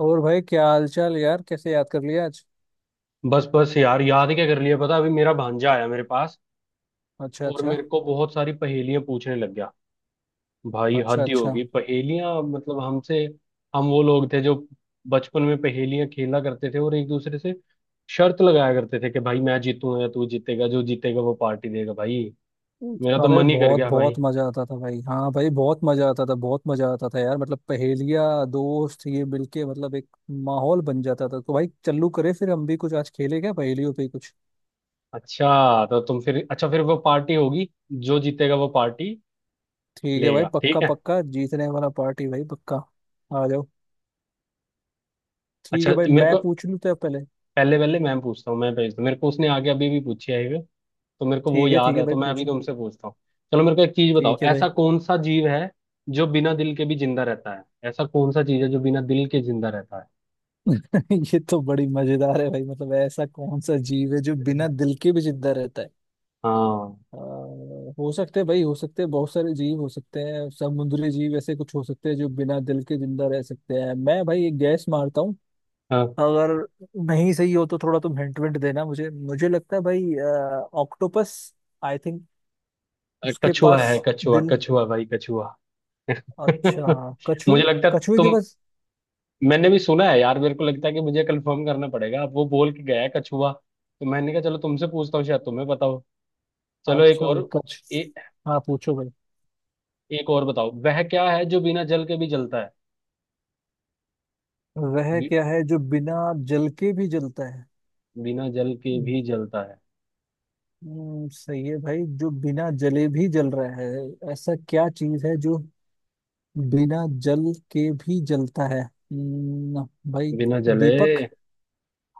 और भाई, क्या हाल चाल यार? कैसे याद कर लिया आज? बस बस यार, याद क्या कर लिया? पता, अभी मेरा भांजा आया मेरे पास। अच्छा, और अच्छा। मेरे को बहुत सारी पहेलियां पूछने लग गया। भाई अच्छा, हद ही अच्छा। होगी, पहेलियां मतलब हमसे। हम वो लोग थे जो बचपन में पहेलियां खेला करते थे, और एक दूसरे से शर्त लगाया करते थे कि भाई मैं जीतूंगा या तू जीतेगा, जो जीतेगा वो पार्टी देगा भाई। मेरा तो अरे मन ही कर बहुत गया बहुत भाई। मजा आता था भाई। हाँ भाई, बहुत मजा आता था, बहुत मजा आता था यार, मतलब पहेलियाँ, दोस्त ये मिलके, मतलब एक माहौल बन जाता था। तो भाई, चलू करे फिर हम भी कुछ आज खेले क्या, पहेलियों पे ही कुछ। अच्छा तो तुम फिर, अच्छा फिर वो पार्टी होगी, जो जीतेगा वो पार्टी ठीक है भाई, लेगा। पक्का ठीक है। पक्का, जीतने वाला पार्टी भाई, पक्का। आ जाओ। ठीक अच्छा है भाई, मेरे मैं को पूछ लूँ तो आप पहले? पहले, पहले मैं पूछता हूँ, मैं भेजता हूँ, मेरे को उसने आगे अभी भी पूछी है, तो मेरे को वो ठीक है, ठीक याद है है, तो भाई, मैं अभी पूछो। तुमसे पूछता हूँ। चलो मेरे को एक चीज बताओ, ठीक है भाई। ऐसा कौन सा जीव है जो बिना दिल के भी जिंदा रहता है? ऐसा कौन सा चीज है जो बिना दिल के जिंदा रहता है? ये तो बड़ी मजेदार है भाई। मतलब ऐसा कौन सा जीव है जो बिना दिल के भी जिंदा रहता है? हाँ आ, हो सकते हैं भाई, हो सकते हैं, बहुत सारे जीव हो सकते हैं, समुद्री जीव ऐसे कुछ हो सकते हैं जो बिना दिल के जिंदा रह सकते हैं। मैं भाई एक गैस मारता हूँ। हाँ, अगर नहीं सही हो तो थोड़ा तुम हिंट विंट देना मुझे मुझे लगता है भाई, ऑक्टोपस, आई थिंक, उसके कछुआ पास है, कछुआ दिल। कछुआ भाई कछुआ। अच्छा। मुझे कछुए, लगता है कछुए के तुम, पास। मैंने भी सुना है यार। मेरे को लगता है कि मुझे कंफर्म करना पड़ेगा, अब वो बोल के गया है कछुआ, तो मैंने कहा चलो तुमसे पूछता हूँ, शायद तुम्हें बताओ। चलो एक अच्छा भाई, और। कछ ए, हाँ, पूछो भाई। एक और बताओ, वह क्या है जो बिना जल के भी जलता है? वह बि, क्या है जो बिना जल के भी जलता है? बिना जल के हम्म, भी जलता है? सही है भाई, जो बिना जले भी जल रहा है। ऐसा क्या चीज है जो बिना जल के भी जलता है? भाई, बिना जले? दीपक।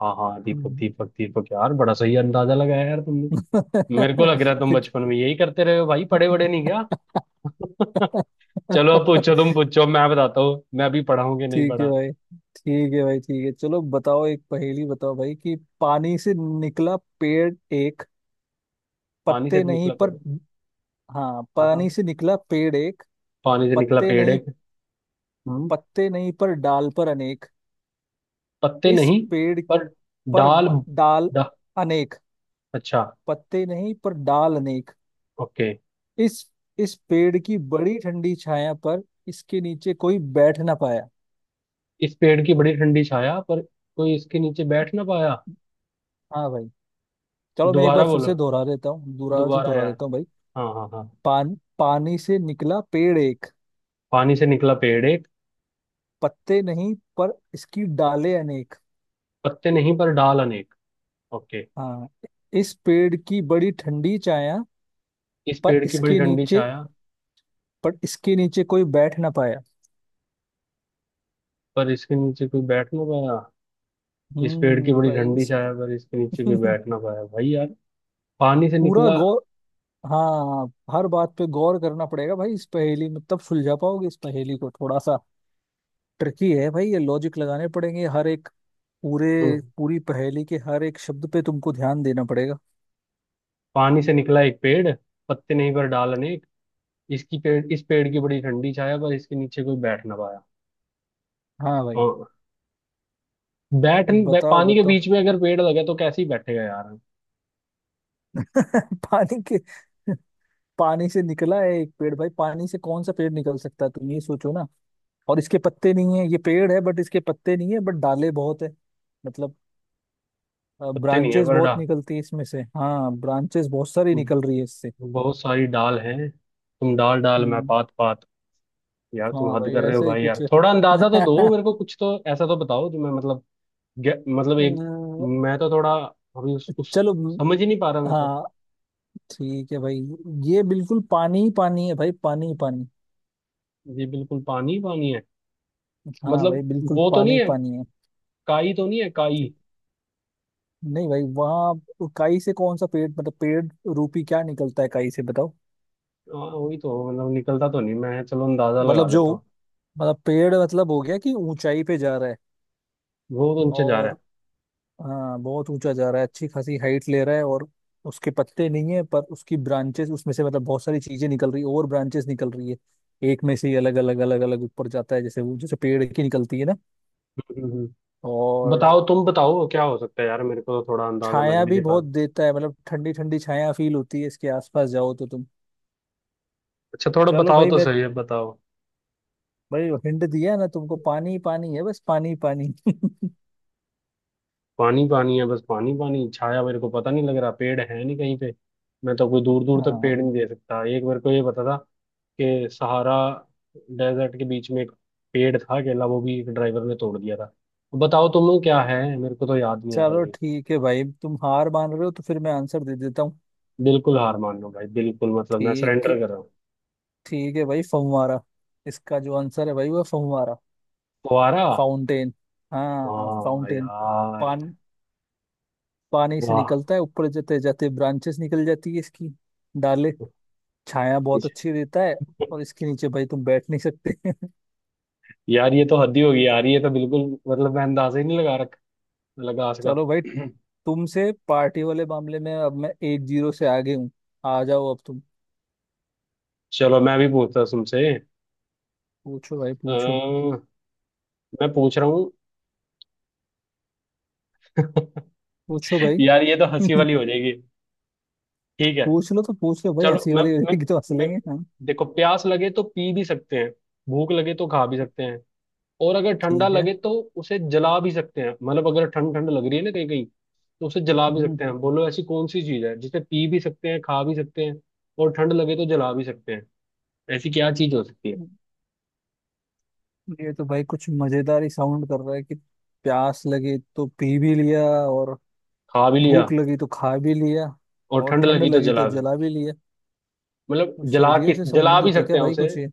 हाँ हाँ, दीपक हम्म, दीपक दीपक यार, बड़ा सही अंदाजा लगाया यार तुमने। मेरे को लग रहा है तुम क्योंकि। बचपन में यही करते रहे हो भाई, पढ़े बड़े नहीं क्या? चलो अब पूछो, तुम पूछो, मैं बताता हूँ, मैं भी पढ़ा हूँ कि नहीं ठीक है पढ़ा। भाई, ठीक है भाई, ठीक है। चलो बताओ एक पहेली, बताओ भाई कि पानी से निकला पेड़ एक, पानी से पत्ते नहीं निकला पर। पेड़ है। हाँ, हाँ हाँ, पानी से निकला पेड़ एक, पानी से निकला पत्ते पेड़ नहीं। एक। हम्म पत्ते नहीं, पर डाल पर अनेक। पत्ते इस नहीं पेड़ पर पर डाल, डाल डा, अनेक। अच्छा, पत्ते नहीं, पर डाल अनेक। ओके। इस इस पेड़ की बड़ी ठंडी छाया, पर इसके नीचे कोई बैठ ना पाया। इस पेड़ की बड़ी ठंडी छाया पर कोई इसके नीचे बैठ ना पाया। हाँ भाई, चलो मैं एक बार दोबारा फिर बोलो, से दोहरा देता हूँ, दोबारा से दोबारा दोहरा यार। देता हूँ भाई। हाँ हाँ हाँ। पानी से निकला पेड़ एक, पानी से निकला पेड़ एक, पत्ते नहीं, पर इसकी डालें अनेक। पत्ते नहीं पर डाल अनेक, ओके। हाँ। इस पेड़ की बड़ी ठंडी छाया, इस पर पेड़ की बड़ी इसके ठंडी नीचे छाया पर इसके नीचे कोई बैठ ना पाया। पर इसके नीचे कोई बैठ ना पाया। इस पेड़ की बड़ी भाई, ठंडी इस छाया पर इसके नीचे कोई बैठ ना पाया भाई यार। पानी से पूरा निकला। गौर हाँ, हर बात पे गौर करना पड़ेगा भाई इस पहेली में, तब सुलझा पाओगे इस पहेली को। थोड़ा सा ट्रिकी है भाई, ये लॉजिक लगाने पड़ेंगे हर एक, पूरे हम्म, पूरी पहेली के हर एक शब्द पे तुमको ध्यान देना पड़ेगा। पानी से निकला एक पेड़, पत्ते नहीं पर डाल अनेक। इसकी पेड़, इस पेड़ की बड़ी ठंडी छाया पर इसके नीचे कोई बैठ ना पाया। हाँ भाई, हाँ, बैठ नहीं- बै, बताओ पानी के बताओ। बीच में अगर पेड़ लगे तो कैसे ही बैठेगा यार। पानी के पानी से निकला है एक पेड़ भाई, पानी से कौन सा पेड़ निकल सकता है, तुम ये सोचो ना। और इसके पत्ते नहीं है, ये पेड़ है बट इसके पत्ते नहीं है, बट डाले बहुत है, मतलब पत्ते नहीं है ब्रांचेस पर डा, बहुत निकलती है इसमें से। हाँ, ब्रांचेस बहुत सारी निकल रही है इससे। बहुत सारी डाल हैं। तुम डाल डाल मैं हम्म। पात पात। यार तुम हाँ हद भाई, कर रहे हो वैसे ही भाई, कुछ यार है। थोड़ा अंदाजा तो दो मेरे को, कुछ तो ऐसा तो बताओ जो मैं मतलब। मतलब अ, एक, मैं तो थोड़ा अभी उस चलो, समझ ही नहीं पा रहा मैं तो। हाँ ठीक है भाई, ये बिल्कुल पानी ही पानी है भाई, पानी ही पानी। ये बिल्कुल पानी ही पानी है, हाँ भाई, मतलब बिल्कुल वो तो पानी नहीं ही है, पानी है। काई तो नहीं है काई? ठीक। नहीं भाई, वहाँ काई से कौन सा पेड़, मतलब पेड़ रूपी क्या निकलता है काई से, बताओ। हाँ वही तो, मतलब निकलता तो नहीं, मैं चलो अंदाजा लगा मतलब लेता जो, हूँ। मतलब पेड़, मतलब हो गया कि ऊंचाई पे जा रहा है। वो तो नीचे जा रहा और है। हाँ, बहुत ऊंचा जा रहा है, अच्छी खासी हाइट ले रहा है, और उसके पत्ते नहीं है, पर उसकी ब्रांचेस उसमें से, मतलब बहुत सारी चीजें निकल रही है और ब्रांचेस निकल रही है, एक में से ही अलग अलग अलग अलग ऊपर जाता है, जैसे वो जैसे पेड़ की निकलती है ना। हम्म, हम्म, हम्म। और बताओ तुम बताओ क्या हो सकता है यार, मेरे को तो थोड़ा अंदाजा लग छाया भी भी नहीं पा बहुत रहा। देता है, मतलब ठंडी ठंडी छाया फील होती है इसके आसपास, जाओ तो तुम। अच्छा थोड़ा चलो बताओ भाई, तो मैं सही है, बताओ। भाई हिंट दिया ना तुमको, पानी ही पानी है बस, पानी ही पानी। पानी पानी है बस, पानी पानी, छाया मेरे को पता नहीं लग रहा, पेड़ है नहीं कहीं पे। मैं तो कोई दूर दूर तक हाँ, पेड़ नहीं दे सकता, एक बार को ये पता था के सहारा डेजर्ट के बीच में एक पेड़ था केला, वो भी एक ड्राइवर ने तोड़ दिया था। बताओ तुम लोग क्या है, मेरे को तो याद नहीं आ रहा चलो भाई। ठीक है भाई, तुम हार मान रहे हो तो फिर मैं आंसर दे देता हूँ। बिल्कुल हार मान लो भाई, बिल्कुल मतलब मैं ठीक है, सरेंडर कर रहा हूँ। ठीक है भाई, फव्वारा। इसका जो आंसर है भाई, वो है फव्वारा, फुहारा? फाउंटेन। हाँ, हाँ फाउंटेन। यार। पान पानी से वाह। निकलता है, ऊपर जाते जाते ब्रांचेस निकल जाती है इसकी, डाले, छाया बहुत अच्छी देता है, और इसके नीचे भाई तुम बैठ नहीं सकते। यार ये तो हद ही होगी यार, ये तो बिल्कुल मतलब मैं अंदाजा ही नहीं लगा रख, लगा इसका। चलो भाई, तुमसे पार्टी वाले मामले में अब मैं 1-0 से आगे हूँ। आ जाओ अब तुम। चलो मैं भी पूछता हूँ तुमसे। पूछो भाई, पूछो, अ, मैं पूछ रहा हूँ। पूछो भाई। यार ये तो हंसी वाली हो जाएगी। ठीक है। पूछ लो तो पूछ लो भाई, चलो हंसी मैं वाली हो मैं जाएगी तो हंस मैं लेंगे, हाँ। देखो, प्यास लगे तो पी भी सकते हैं, भूख लगे तो खा भी सकते हैं, और अगर ठंडा ठीक है। लगे तो उसे जला भी सकते हैं। मतलब अगर ठंड ठंड लग रही है ना कहीं कहीं, तो उसे जला भी हम्म, सकते हैं। बोलो ऐसी कौन सी चीज है जिसे पी भी सकते हैं, खा भी सकते हैं, और ठंड लगे तो जला भी सकते हैं? ऐसी क्या चीज हो सकती है? हम्म। ये तो भाई कुछ मजेदार ही साउंड कर रहा है कि प्यास लगी तो पी भी लिया, और खा भी लिया, भूख लगी तो खा भी लिया, और और ठंड ठंड लगी तो लगी तो जला भी, जला भी लिया। मतलब तो जला सर्दियों किस, से जला भी संबंधित है सकते क्या हैं भाई उसे। कुछ ये?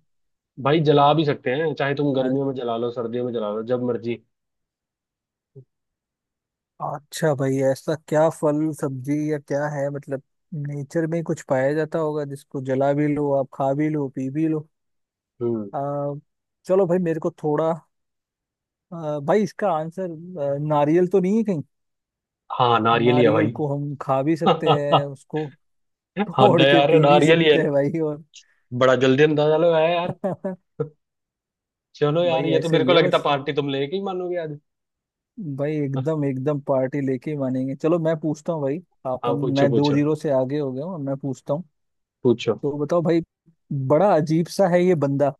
भाई जला भी सकते हैं, चाहे तुम गर्मियों में जला लो, सर्दियों में जला लो, जब मर्जी। अच्छा भाई, ऐसा क्या फल सब्जी या क्या है, मतलब नेचर में कुछ पाया जाता होगा जिसको जला भी लो, आप खा भी लो, पी भी लो। हम्म। आ, चलो भाई मेरे को थोड़ा, भाई इसका आंसर, नारियल तो नहीं है कहीं? हाँ नारियल ही है। नारियल को हम खा भी सकते हैं भाई उसको। हद तोड़ है के यार, पी भी नारियल ही है। सकते हैं भाई और। बड़ा जल्दी अंदाजा लगाया यार। चलो यार, भाई ये तो ऐसे मेरे ही को है लगता बस। पार्टी तुम लेके ही मानोगे आज। भाई, एकदम एकदम पार्टी लेके ही मानेंगे। चलो मैं पूछता हूँ भाई। हाँ, अपन पूछो मैं दो पूछो जीरो से आगे हो गया हूँ। मैं पूछता हूँ। पूछो। तो बताओ भाई, बड़ा अजीब सा है ये बंदा,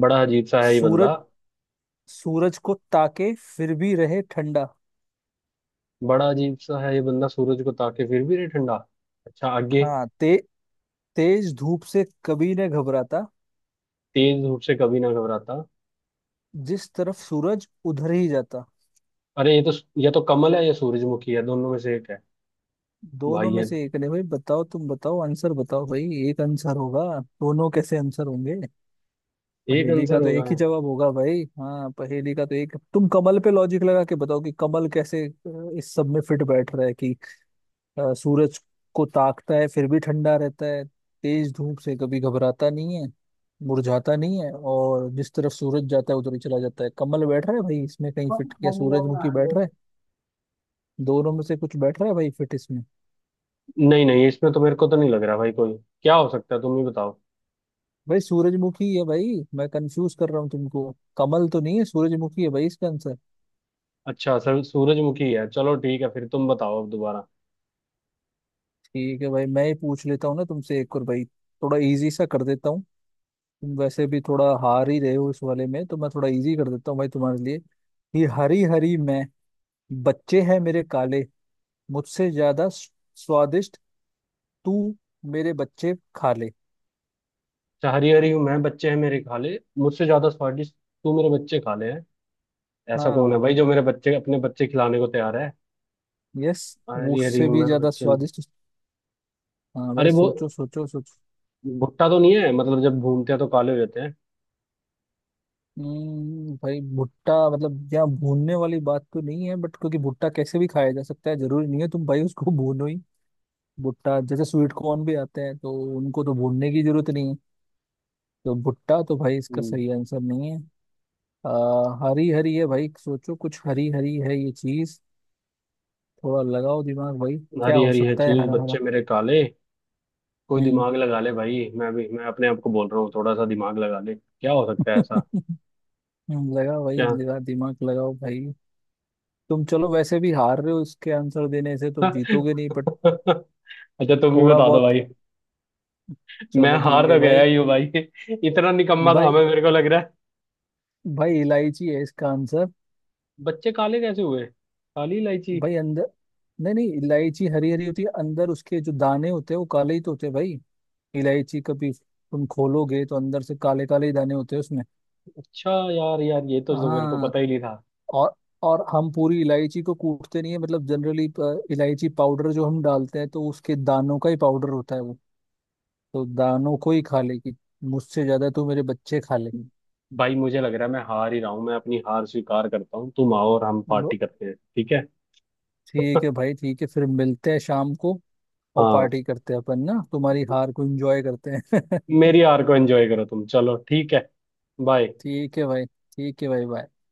बड़ा अजीब सा है ये सूरज, बंदा। सूरज को ताके फिर भी रहे ठंडा। बड़ा अजीब सा है ये बंदा सूरज को ताके फिर भी रहे ठंडा। अच्छा आगे। हाँ, तेज धूप से कभी न घबराता, तेज धूप से कभी ना घबराता। जिस तरफ सूरज उधर ही जाता। अरे ये तो, या तो कमल है या सूरजमुखी है, दोनों में से एक है। दोनों भाई में है, से एक ने भाई, बताओ तुम, बताओ आंसर, बताओ भाई। एक आंसर होगा, दोनों कैसे आंसर होंगे? एक पहेली का आंसर तो होगा एक ही है। जवाब होगा भाई। हाँ, पहेली का तो एक। तुम कमल पे लॉजिक लगा के बताओ कि कमल कैसे, इस सब में फिट बैठ रहा है कि। सूरज को ताकता है फिर भी ठंडा रहता है, तेज धूप से कभी घबराता नहीं है, मुरझाता नहीं है, और जिस तरफ सूरज जाता है उधर ही चला जाता है, कमल बैठ रहा है भाई इसमें कहीं फिट? क्या सूरजमुखी बैठ रहा है? दोनों में से कुछ बैठ रहा है भाई फिट इसमें? नहीं नहीं, इसमें तो मेरे को तो नहीं लग रहा भाई कोई, क्या हो सकता है तुम ही बताओ। भाई सूरजमुखी है भाई, मैं कंफ्यूज कर रहा हूँ तुमको। कमल तो नहीं है, सूरजमुखी है भाई इसका आंसर। अच्छा सर सूरजमुखी है, चलो ठीक है फिर, तुम बताओ अब दोबारा। ठीक है भाई, मैं ही पूछ लेता हूँ ना तुमसे एक और भाई, थोड़ा इजी सा कर देता हूँ। तुम वैसे भी थोड़ा हार ही रहे हो इस वाले में, तो मैं थोड़ा इजी कर देता हूँ भाई तुम्हारे लिए। ये हरी हरी मैं, बच्चे हैं मेरे काले, मुझसे ज्यादा स्वादिष्ट, तू मेरे बच्चे खा ले। अच्छा हरी हरी हूँ मैं, बच्चे हैं मेरे, खा ले, मुझसे ज्यादा स्वादिष्ट तू मेरे बच्चे खा ले। ऐसा कौन है हाँ, भाई जो मेरे बच्चे अपने बच्चे खिलाने को तैयार है? यस। हरी हरी मुझसे हूँ भी मैं ज्यादा बच्चे में। स्वादिष्ट। हाँ भाई, अरे वो सोचो, सोचो, सोचो। भुट्टा तो नहीं है, मतलब जब भूनते हैं तो काले हो जाते हैं। भाई, भुट्टा, मतलब यहाँ भूनने वाली बात तो नहीं है बट, क्योंकि भुट्टा कैसे भी खाया जा सकता है, जरूरी नहीं है तुम भाई उसको भूनो ही। भुट्टा जैसे स्वीट कॉर्न भी आते हैं, तो उनको तो भूनने की जरूरत नहीं है। तो भुट्टा तो भाई इसका हम्म, सही आंसर नहीं है। आ, हरी हरी है भाई, सोचो कुछ हरी हरी है ये चीज। थोड़ा लगाओ दिमाग भाई। क्या हरी हो हरी है सकता है चूज, हरा बच्चे हरा? मेरे काले। कोई हम्म। दिमाग लगा ले भाई, मैं भी मैं अपने आप को बोल रहा हूँ, थोड़ा सा दिमाग लगा ले, क्या हो सकता है ऐसा? लगा भाई, क्या? लगा, दिमाग लगाओ भाई। तुम चलो वैसे भी हार रहे हो, इसके आंसर देने से तुम जीतोगे नहीं बट, अच्छा तुम भी थोड़ा बता दो बहुत। भाई। मैं चलो हार ठीक है तो गया भाई। ही हूँ भाई, इतना निकम्मा था भाई, मैं, मेरे को लग रहा है। भाई, इलायची है इसका आंसर। बच्चे काले कैसे हुए? काली इलायची? भाई अंदर, नहीं नहीं, इलायची हरी हरी होती है, अंदर उसके जो दाने होते हैं वो काले ही तो होते हैं भाई। इलायची कभी तुम खोलोगे तो अंदर से काले काले ही दाने होते हैं उसमें। अच्छा यार यार, ये तो जो मेरे को हाँ, पता ही नहीं था। और और हम पूरी इलायची को कूटते नहीं है, मतलब जनरली। इलायची पाउडर जो हम डालते हैं तो उसके दानों का ही पाउडर होता है वो। तो दानों को ही खा लेगी, मुझसे ज्यादा तो मेरे बच्चे खा ले। भाई मुझे लग रहा है मैं हार ही रहा हूँ, मैं अपनी हार स्वीकार करता हूँ, तुम आओ और हम लो, पार्टी करते हैं, ठीक है? ठीक है भाई, ठीक है। फिर मिलते हैं शाम को, और हाँ, पार्टी करते हैं अपन ना, तुम्हारी हार को एंजॉय करते हैं। मेरी हार को एंजॉय करो तुम, चलो ठीक है। बाय। ठीक है भाई, ठीक है भाई, बाय।